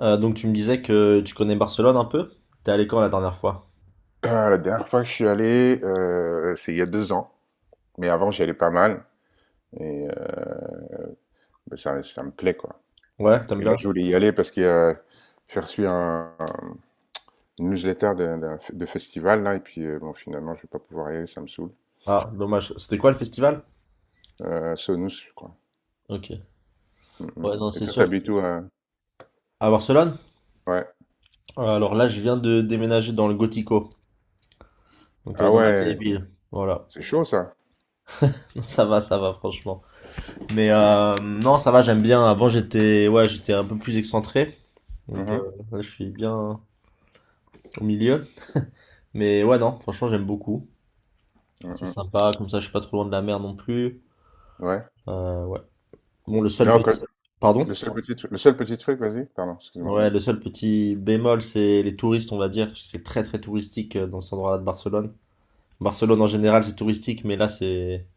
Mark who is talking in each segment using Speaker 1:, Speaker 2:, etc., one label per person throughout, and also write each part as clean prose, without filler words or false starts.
Speaker 1: Donc tu me disais que tu connais Barcelone un peu? T'es allé quand la dernière fois?
Speaker 2: Ah, la dernière fois que je suis allé, c'est il y a 2 ans. Mais avant, j'y allais pas mal. Et bah, ça me plaît, quoi.
Speaker 1: Ouais, t'aimes
Speaker 2: Et là,
Speaker 1: bien?
Speaker 2: je voulais y aller parce que j'ai reçu une newsletter de festival, là. Et puis, bon, finalement, je vais pas pouvoir y aller, ça me saoule.
Speaker 1: Ah, dommage. C'était quoi le festival?
Speaker 2: Sonus, je crois.
Speaker 1: Ok.
Speaker 2: Mm, mm.
Speaker 1: Ouais, non,
Speaker 2: Et
Speaker 1: c'est
Speaker 2: toi,
Speaker 1: sûr.
Speaker 2: t'habites où?
Speaker 1: À Barcelone?
Speaker 2: Ouais.
Speaker 1: Alors là, je viens de déménager dans le Gotico, donc
Speaker 2: Ah
Speaker 1: dans ma vieille
Speaker 2: ouais,
Speaker 1: ville. Voilà.
Speaker 2: c'est chaud, ça.
Speaker 1: Ça va, franchement. Mais non, ça va, j'aime bien. Avant, j'étais ouais, j'étais un peu plus excentré. Donc
Speaker 2: Mhm,
Speaker 1: là, je suis bien au milieu. Mais ouais, non, franchement, j'aime beaucoup.
Speaker 2: mm,
Speaker 1: C'est
Speaker 2: mm.
Speaker 1: sympa, comme ça, je suis pas trop loin de la mer non plus.
Speaker 2: Ouais.
Speaker 1: Ouais. Bon, le seul
Speaker 2: Non,
Speaker 1: petit... Pardon?
Speaker 2: le seul petit truc, vas-y. Pardon, excuse-moi.
Speaker 1: Ouais, le seul petit bémol, c'est les touristes, on va dire, parce que c'est très très touristique dans cet endroit-là de Barcelone. Barcelone en général, c'est touristique, mais là, c'est...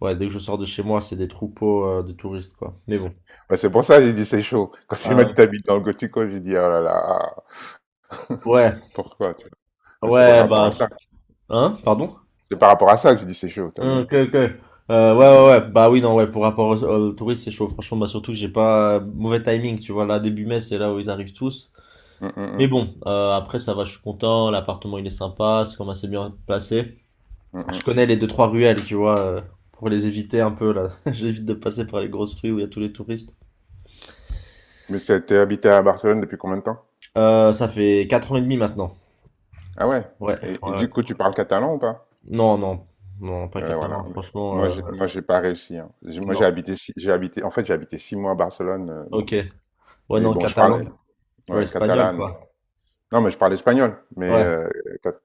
Speaker 1: Ouais, dès que je sors de chez moi, c'est des troupeaux de touristes, quoi. Mais bon.
Speaker 2: Bah, c'est pour ça que j'ai dit c'est chaud. Quand tu
Speaker 1: Ah
Speaker 2: m'as
Speaker 1: ouais.
Speaker 2: dit t'habites dans le Gothico, j'ai dit, oh là là.
Speaker 1: Ouais,
Speaker 2: Pourquoi tu vois? C'est par
Speaker 1: ouais,
Speaker 2: rapport
Speaker 1: bah...
Speaker 2: à ça.
Speaker 1: Hein? Pardon?
Speaker 2: C'est par rapport à ça que je dis c'est chaud, t'as vu?
Speaker 1: Ok, ok. Ouais, ouais,
Speaker 2: Mmh,
Speaker 1: ouais. Bah oui, non, ouais, pour rapport aux touristes, c'est chaud. Franchement, bah surtout que j'ai pas... Mauvais timing, tu vois, là, début mai, c'est là où ils arrivent tous.
Speaker 2: mmh, mmh,
Speaker 1: Mais
Speaker 2: mmh,
Speaker 1: bon, après, ça va, je suis content. L'appartement, il est sympa, c'est quand même assez bien placé. Bah,
Speaker 2: mmh, mmh.
Speaker 1: je
Speaker 2: Mmh.
Speaker 1: connais les deux trois ruelles, tu vois, pour les éviter un peu là. J'évite de passer par les grosses rues où il y a tous les touristes.
Speaker 2: Mais t'es habité à Barcelone depuis combien de temps?
Speaker 1: Ça fait 4 ans et demi maintenant.
Speaker 2: Ah ouais?
Speaker 1: Ouais, ouais,
Speaker 2: Et
Speaker 1: ouais.
Speaker 2: du coup, tu parles catalan ou pas?
Speaker 1: Non, non, non, pas
Speaker 2: Ouais, voilà.
Speaker 1: catalan,
Speaker 2: Mais
Speaker 1: franchement.
Speaker 2: Moi, j'ai pas réussi, hein. Moi, j'ai
Speaker 1: Non,
Speaker 2: habité, six- j'ai habité, en fait, j'ai habité 6 mois à Barcelone. Bon,
Speaker 1: ok. Ouais,
Speaker 2: mais
Speaker 1: non,
Speaker 2: bon, je
Speaker 1: catalan,
Speaker 2: parle,
Speaker 1: ouais,
Speaker 2: ouais,
Speaker 1: espagnol,
Speaker 2: catalan. Non,
Speaker 1: quoi.
Speaker 2: Non, mais je parle espagnol. Mais
Speaker 1: Ouais,
Speaker 2: cat-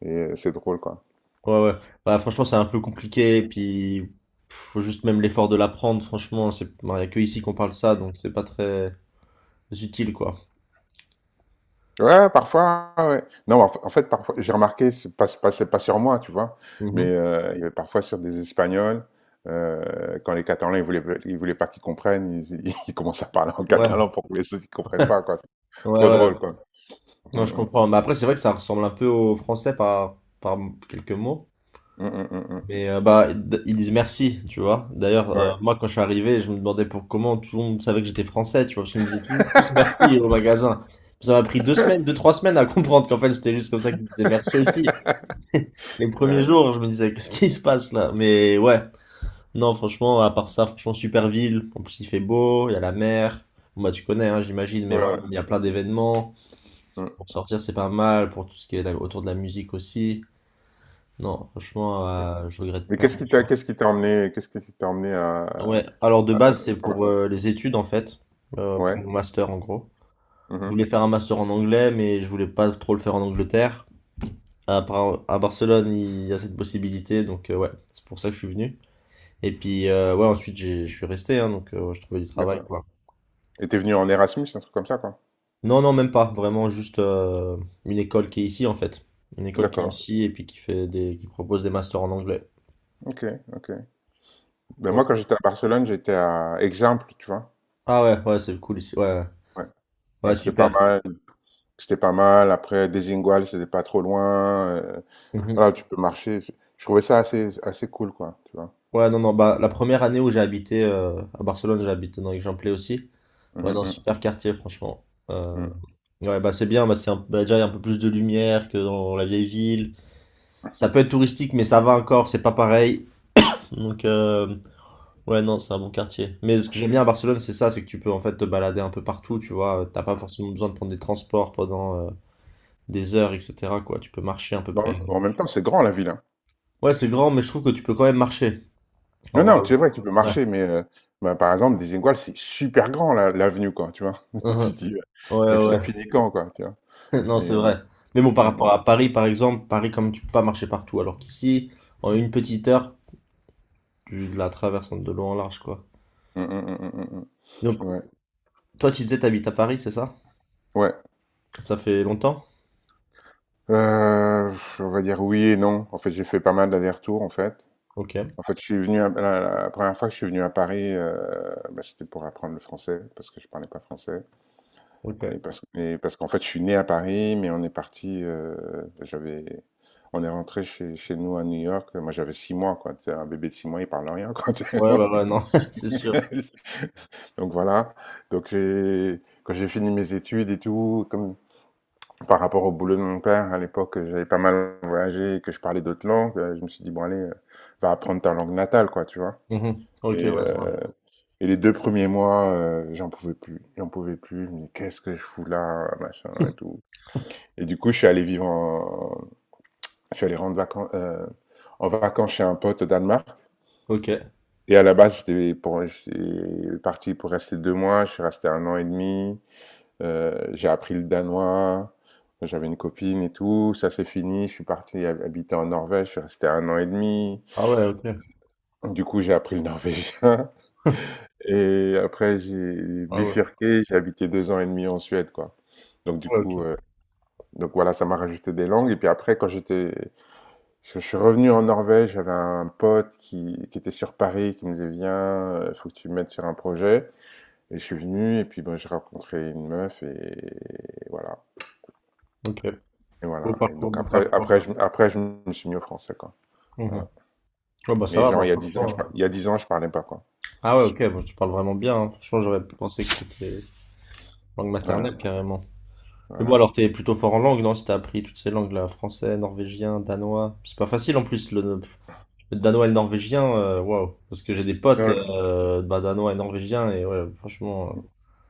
Speaker 2: et, c'est drôle, quoi.
Speaker 1: ouais, ouais. Bah, franchement, c'est un peu compliqué, puis faut juste même l'effort de l'apprendre, franchement. Bah, y a que ici qu'on parle ça, donc c'est pas très utile, quoi.
Speaker 2: Ouais, parfois, ouais. Ouais. Non, en fait, parfois, j'ai remarqué, c'est pas sur moi, tu vois, mais
Speaker 1: Mhm.
Speaker 2: il y avait parfois sur des Espagnols, quand les Catalans, ils voulaient pas qu'ils comprennent, ils commencent à parler en
Speaker 1: Ouais,
Speaker 2: catalan pour que les autres, ils comprennent pas, quoi. C'est
Speaker 1: ouais,
Speaker 2: trop
Speaker 1: ouais.
Speaker 2: drôle, quoi.
Speaker 1: Non, je
Speaker 2: Mm,
Speaker 1: comprends. Mais après, c'est vrai que ça ressemble un peu au français par quelques mots.
Speaker 2: mm, mm, mm, mm,
Speaker 1: Mais bah, ils disent merci, tu vois. D'ailleurs,
Speaker 2: mm. Ouais.
Speaker 1: moi, quand je suis arrivé, je me demandais pour comment tout le monde savait que j'étais français, tu vois, parce qu'ils me disaient tous merci au magasin. Ça m'a pris 2 semaines, deux, trois semaines à comprendre qu'en fait, c'était juste comme ça qu'ils me disaient merci aussi. Les premiers
Speaker 2: Ouais,
Speaker 1: jours, je me disais, qu'est-ce qui se passe là? Mais ouais, non, franchement, à part ça, franchement, super ville. En plus, il fait beau, il y a la mer. Bon, bah, tu connais, hein, j'imagine, mais
Speaker 2: ouais,
Speaker 1: voilà,
Speaker 2: ouais.
Speaker 1: il y a plein d'événements.
Speaker 2: Mm.
Speaker 1: Pour sortir, c'est pas mal, pour tout ce qui est autour de la musique aussi. Non, franchement, je regrette
Speaker 2: Mais
Speaker 1: pas.
Speaker 2: qu'est-ce qui t'a emmené
Speaker 1: Ouais, alors de
Speaker 2: à-
Speaker 1: base, c'est
Speaker 2: sur la-
Speaker 1: pour les études en fait, pour
Speaker 2: Ouais,
Speaker 1: mon master en gros. Je
Speaker 2: mhm,
Speaker 1: voulais faire un master en anglais, mais je voulais pas trop le faire en Angleterre. À Barcelone, il y a cette possibilité, donc ouais, c'est pour ça que je suis venu. Et puis, ouais, ensuite, je suis resté, hein, donc je trouvais du travail,
Speaker 2: d'accord.
Speaker 1: quoi.
Speaker 2: Et t'es venu en Erasmus, un truc comme ça, quoi.
Speaker 1: Non, non, même pas, vraiment juste une école qui est ici en fait. Une école qui est
Speaker 2: D'accord,
Speaker 1: ici et puis qui propose des masters en anglais.
Speaker 2: ok, ok. Ben
Speaker 1: Ouais.
Speaker 2: moi, quand j'étais à Barcelone, j'étais à Exemple, tu vois.
Speaker 1: Ah ouais, ouais, c'est cool ici, ouais, ouais.
Speaker 2: Ouais, ouais,
Speaker 1: Ouais,
Speaker 2: c'était pas
Speaker 1: super.
Speaker 2: mal. C'était pas mal. Après, Desigual, c'était pas trop loin.
Speaker 1: Mhm.
Speaker 2: Voilà, tu peux marcher. Je trouvais ça assez cool, quoi, tu vois.
Speaker 1: Ouais, non, non, bah, la première année où j'ai habité à Barcelone, j'ai habité dans Aix-en-Plé aussi.
Speaker 2: Mhm,
Speaker 1: Ouais, dans un
Speaker 2: mhm,
Speaker 1: super quartier, franchement. Euh,
Speaker 2: mhm.
Speaker 1: ouais, bah, c'est bien, bah, bah, déjà, il y a un peu plus de lumière que dans la vieille ville. Ça peut être touristique, mais ça va encore, c'est pas pareil. Donc, ouais, non, c'est un bon quartier. Mais ce que j'aime bien à Barcelone, c'est ça, c'est que tu peux en fait te balader un peu partout, tu vois. T'as pas forcément besoin de prendre des transports pendant des heures, etc., quoi. Tu peux marcher à peu près.
Speaker 2: Bon, en même temps, c'est grand, la ville, hein.
Speaker 1: Ouais, c'est grand, mais je trouve que tu peux quand même marcher.
Speaker 2: Non,
Speaker 1: Alors,
Speaker 2: non, c'est vrai que tu peux
Speaker 1: ouais.
Speaker 2: marcher, mais bah, par exemple, Desigual, c'est super grand, l'avenue, quoi, tu vois. Tu te
Speaker 1: Mhm.
Speaker 2: dis,
Speaker 1: Ouais, ouais,
Speaker 2: ça
Speaker 1: ouais.
Speaker 2: finit quand, quoi, tu vois.
Speaker 1: Non,
Speaker 2: Et,
Speaker 1: c'est
Speaker 2: euh,
Speaker 1: vrai. Mais bon, par
Speaker 2: mhm,
Speaker 1: rapport à Paris, par exemple, Paris, comme tu peux pas marcher partout, alors qu'ici, en une petite heure, tu la traverses de long en large, quoi.
Speaker 2: mhm, mhm, mhm, mhm.
Speaker 1: Donc,
Speaker 2: Ouais,
Speaker 1: toi, tu disais, t'habites à Paris, c'est ça?
Speaker 2: ouais.
Speaker 1: Ça fait longtemps?
Speaker 2: Euh, on va dire oui et non. En fait, j'ai fait pas mal d'allers-retours, en fait.
Speaker 1: Ok,
Speaker 2: En fait, je suis venu à- la première fois que je suis venu à Paris, bah, c'était pour apprendre le français parce que je parlais pas français
Speaker 1: ok.
Speaker 2: et parce qu'en fait, je suis né à Paris, mais on est parti. J'avais, on est rentré chez nous à New York. Moi, j'avais 6 mois, quoi. T'sais, un bébé de 6 mois, il parle rien, quoi. T'sais.
Speaker 1: Ouais, bah ouais, non, c'est sûr.
Speaker 2: Donc voilà. Donc quand j'ai fini mes études et tout, comme par rapport au boulot de mon père à l'époque, j'avais pas mal voyagé, et que je parlais d'autres langues. Je me suis dit bon allez, va apprendre ta langue natale, quoi, tu vois.
Speaker 1: Mhm. Ok,
Speaker 2: Et
Speaker 1: ouais, je vois.
Speaker 2: euh, Et les deux premiers mois, j'en pouvais plus. J'en pouvais plus. Mais qu'est-ce que je fous là, machin et tout. Et du coup, je suis allé en vacances chez un pote au Danemark.
Speaker 1: Ok.
Speaker 2: Et à la base, j'étais parti pour rester 2 mois. Je suis resté 1 an et demi. J'ai appris le danois. J'avais une copine et tout. Ça s'est fini. Je suis parti habiter en Norvège. Je suis resté un an et demi.
Speaker 1: Ah ouais, ok.
Speaker 2: Du coup, j'ai appris le norvégien. Et après, j'ai
Speaker 1: Ah ouais,
Speaker 2: bifurqué. J'ai habité 2 ans et demi en Suède, quoi. Donc du
Speaker 1: ouais, ok.
Speaker 2: coup, donc voilà, ça m'a rajouté des langues. Et puis après, je suis revenu en Norvège, j'avais un pote qui était sur Paris, qui me disait viens, faut que tu me mettes sur un projet. Et je suis venu, et puis ben, j'ai rencontré une meuf, et voilà,
Speaker 1: Ok.
Speaker 2: et
Speaker 1: Beau
Speaker 2: voilà. Et
Speaker 1: parcours,
Speaker 2: donc
Speaker 1: beau
Speaker 2: après,
Speaker 1: parcours.
Speaker 2: je me suis mis au français, quoi.
Speaker 1: Mhm.
Speaker 2: Voilà.
Speaker 1: Ouais, bah ça
Speaker 2: Mais
Speaker 1: va,
Speaker 2: genre
Speaker 1: bah franchement. euh.
Speaker 2: il y a 10 ans, je parlais pas, quoi.
Speaker 1: Ah ouais, ok, bah, tu parles vraiment bien, hein. Franchement, j'aurais pensé que c'était langue
Speaker 2: Voilà,
Speaker 1: maternelle, carrément. Mais bon,
Speaker 2: voilà.
Speaker 1: alors t'es plutôt fort en langue, non? Si t'as appris toutes ces langues-là, français, norvégien, danois. C'est pas facile en plus, le danois et le norvégien, waouh. Parce que j'ai des potes
Speaker 2: Non,
Speaker 1: bah, danois et norvégiens, et ouais, franchement.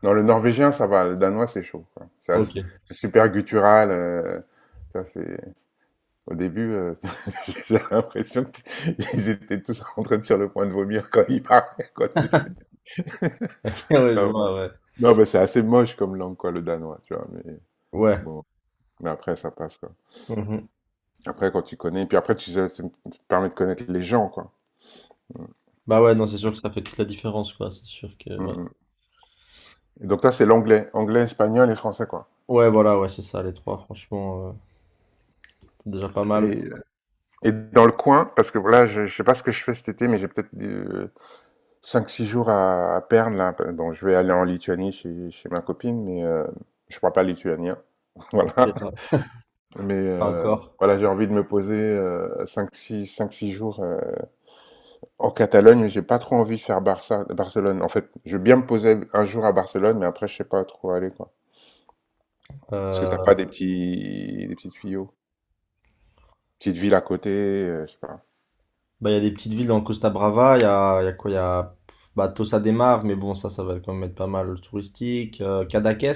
Speaker 2: non, le norvégien, ça va. Le danois, c'est chaud, quoi. Ça,
Speaker 1: Ok.
Speaker 2: c'est super guttural. Ça, c'est au début. J'ai l'impression qu'ils étaient tous en train de sur le point de vomir quand ils parlaient, quoi, tu sais.
Speaker 1: Ok, ouais, je
Speaker 2: Non,
Speaker 1: vois, ouais.
Speaker 2: Non, mais c'est assez moche comme langue, quoi, le danois, tu vois. Mais
Speaker 1: Ouais.
Speaker 2: bon, mais après, ça passe, quoi.
Speaker 1: Mhm.
Speaker 2: Après, quand tu connais, puis après, tu sais, ça te permet de connaître les gens, quoi.
Speaker 1: Bah ouais, non, c'est sûr que ça fait toute la différence, quoi. C'est sûr que,
Speaker 2: Mm,
Speaker 1: ouais.
Speaker 2: mm. Et donc, toi, c'est l'anglais, anglais, espagnol et français, quoi.
Speaker 1: Ouais, voilà, ouais, c'est ça, les trois, franchement, c'est déjà pas mal.
Speaker 2: Et, euh, et dans le coin, parce que voilà, je sais pas ce que je fais cet été, mais j'ai peut-être 5-6 jours à perdre, là. Bon, je vais aller en Lituanie chez ma copine, mais je parle pas lituanien, voilà.
Speaker 1: C'est pas
Speaker 2: Mais
Speaker 1: pas encore.
Speaker 2: voilà, j'ai envie de me poser 5-6 jours en Catalogne, mais j'ai pas trop envie de faire Barça, Barcelone. En fait, je veux bien me poser un jour à Barcelone, mais après, je sais pas trop où aller, quoi. Parce que t'as
Speaker 1: Euh,
Speaker 2: pas des petits tuyaux. Petite ville à côté, je sais pas.
Speaker 1: Bah, il y a des petites villes dans Costa Brava, il y a quoi? Il y a bah, Tossa de Mar, mais bon, ça va quand même être pas mal touristique. Cadaqués,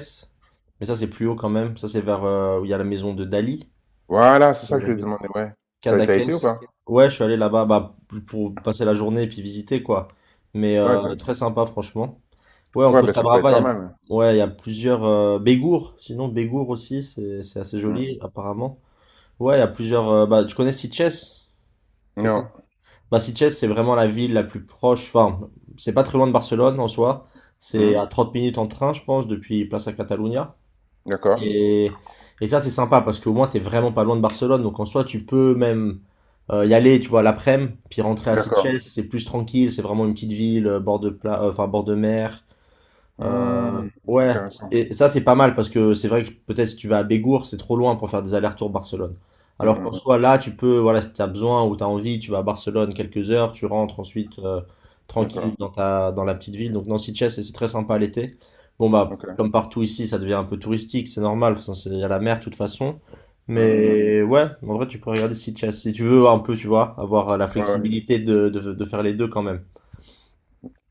Speaker 1: mais ça, c'est plus haut quand même. Ça, c'est vers où il y a la maison de Dali.
Speaker 2: Voilà, c'est ça que
Speaker 1: La
Speaker 2: je vais te
Speaker 1: ville.
Speaker 2: demander, ouais. T'as
Speaker 1: Cadaqués.
Speaker 2: été ou pas? Ok.
Speaker 1: Ouais, je suis allé là-bas bah, pour passer la journée et puis visiter, quoi. Mais
Speaker 2: Ouais,
Speaker 1: très sympa, franchement. Ouais, en
Speaker 2: ouais, ben
Speaker 1: Costa
Speaker 2: ça peut être
Speaker 1: Brava, il y
Speaker 2: pas
Speaker 1: a,
Speaker 2: mal.
Speaker 1: ouais, il y a plusieurs. Bégour, sinon, Bégour aussi, c'est assez
Speaker 2: Hmm.
Speaker 1: joli, apparemment. Ouais, il y a plusieurs. Bah, tu connais Sitges?
Speaker 2: Non.
Speaker 1: Basiches, c'est vraiment la ville la plus proche. Enfin, c'est pas très loin de Barcelone en soi. C'est
Speaker 2: Hmm.
Speaker 1: à 30 minutes en train, je pense, depuis Plaza Catalunya.
Speaker 2: D'accord.
Speaker 1: Et, et ça, c'est sympa parce qu'au moins, t'es vraiment pas loin de Barcelone. Donc en soi, tu peux même y aller, tu vois, l'après-midi, puis rentrer à
Speaker 2: D'accord.
Speaker 1: Sitges. C'est plus tranquille. C'est vraiment une petite ville, enfin, bord de mer.
Speaker 2: Hmm.
Speaker 1: Ouais,
Speaker 2: Intéressant.
Speaker 1: et ça c'est pas mal parce que c'est vrai que peut-être si tu vas à Bégour, c'est trop loin pour faire des allers-retours Barcelone.
Speaker 2: Hmm,
Speaker 1: Alors qu'en
Speaker 2: hmm.
Speaker 1: soit là, tu peux, voilà, si tu as besoin ou tu as envie, tu vas à Barcelone quelques heures, tu rentres ensuite tranquille
Speaker 2: D'accord.
Speaker 1: dans dans la petite ville. Donc Nancy Chess, c'est très sympa l'été. Bon bah,
Speaker 2: Ok.
Speaker 1: comme partout ici, ça devient un peu touristique, c'est normal, enfin, il y a la mer de toute façon.
Speaker 2: Hmm, hmm.
Speaker 1: Mais ouais, en vrai, tu peux regarder si Chess, si tu veux un peu, tu vois, avoir la
Speaker 2: Ouais, ouais.
Speaker 1: flexibilité de faire les deux quand même.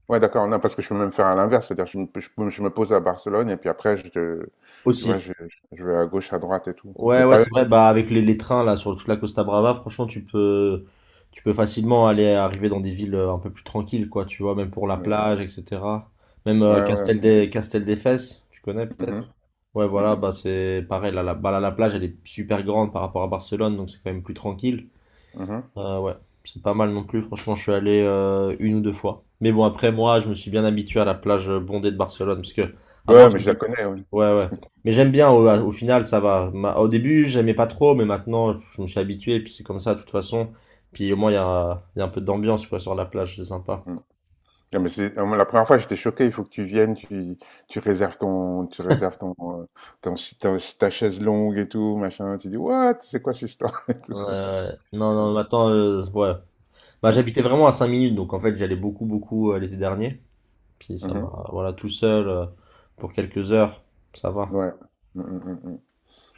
Speaker 2: Ouais, d'accord. Non, parce que je peux même faire à l'inverse. C'est-à-dire, je me pose à Barcelone et puis après, tu vois,
Speaker 1: Aussi.
Speaker 2: je vais à gauche, à droite et tout.
Speaker 1: Ouais,
Speaker 2: Mais
Speaker 1: ouais,
Speaker 2: pas eux.
Speaker 1: c'est vrai. Bah, avec les trains là sur toute la Costa Brava, franchement, tu peux facilement aller arriver dans des villes un peu plus tranquilles, quoi. Tu vois, même pour la
Speaker 2: euh,
Speaker 1: plage, etc. Même
Speaker 2: Ouais, ouais,
Speaker 1: Castel
Speaker 2: ok.
Speaker 1: des, Castel des Fesses, tu connais peut-être?
Speaker 2: Mhm,
Speaker 1: Ouais,
Speaker 2: mhm,
Speaker 1: voilà. Bah, c'est pareil. Bah, la plage, elle est super grande par rapport à Barcelone, donc c'est quand même plus tranquille.
Speaker 2: mhm.
Speaker 1: Ouais, c'est pas mal non plus. Franchement, je suis allé une ou deux fois. Mais bon, après moi, je me suis bien habitué à la plage bondée de Barcelone, parce que avant,
Speaker 2: Ouais, mais je la
Speaker 1: j'habitais.
Speaker 2: connais, oui.
Speaker 1: Ouais, ouais. Mais j'aime bien, au final, ça va. Au début, j'aimais pas trop, mais maintenant, je me suis habitué, et puis c'est comme ça, de toute façon. Puis au moins, il y a un peu d'ambiance, quoi, sur la plage, c'est sympa.
Speaker 2: Mm. Non, mais moi, la première fois, j'étais choqué. Il faut que tu viennes, tu réserves euh, ta chaise longue et tout, machin. Tu dis, what? C'est quoi cette histoire? Et tout.
Speaker 1: Non,
Speaker 2: Ouais.
Speaker 1: non, maintenant, ouais. Bah,
Speaker 2: Mm,
Speaker 1: j'habitais vraiment à 5 minutes, donc en fait, j'allais beaucoup, beaucoup l'été dernier. Puis ça
Speaker 2: mhm.
Speaker 1: m'a, voilà, tout seul, pour quelques heures, ça va.
Speaker 2: Ouais. Mm, mm, mm, mm.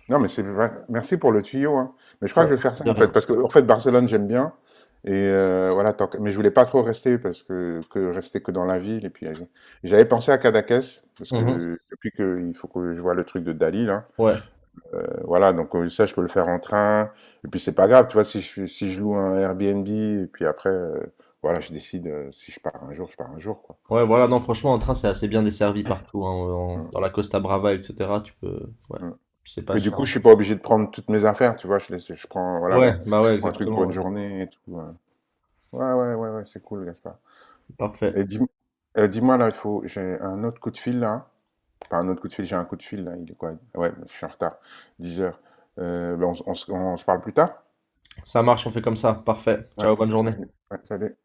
Speaker 2: Non, mais c'est vrai. Merci pour le tuyau, hein. Mais je crois
Speaker 1: Ouais,
Speaker 2: que je vais faire ça
Speaker 1: de
Speaker 2: en fait,
Speaker 1: rien.
Speaker 2: parce que en fait Barcelone j'aime bien et voilà. Mais je voulais pas trop rester parce que rester que dans la ville et puis j'avais pensé à Cadaqués parce
Speaker 1: Mhm.
Speaker 2: que depuis que il faut que je vois le truc de Dali là.
Speaker 1: Ouais.
Speaker 2: Voilà. Donc ça je peux le faire en train et puis c'est pas grave, tu vois. Si je loue un Airbnb et puis après voilà, je décide si je pars un jour, je pars un jour, quoi.
Speaker 1: Ouais, voilà, non, franchement, en train, c'est assez bien desservi partout, hein,
Speaker 2: Mm,
Speaker 1: dans la Costa Brava, etc., tu peux, ouais,
Speaker 2: mm.
Speaker 1: c'est pas
Speaker 2: Et du
Speaker 1: cher.
Speaker 2: coup je suis pas obligé de prendre toutes mes affaires, tu vois. Je prends, voilà, je
Speaker 1: Ouais, bah ouais,
Speaker 2: prends un truc pour
Speaker 1: exactement,
Speaker 2: une
Speaker 1: ouais.
Speaker 2: journée et tout, hein. Ouais, ouais, ouais, ouais, c'est cool, Gaspard. Et
Speaker 1: Parfait.
Speaker 2: dis, euh, dis-moi, là, j'ai un autre coup de fil, là. Pas un autre coup de fil, j'ai un coup de fil, là. Il est quoi? Ouais, je suis en retard. 10h. Ben, on se parle plus tard?
Speaker 1: Ça marche, on fait comme ça. Parfait.
Speaker 2: Ouais,
Speaker 1: Ciao, bonne journée.
Speaker 2: salut. Ouais, salut.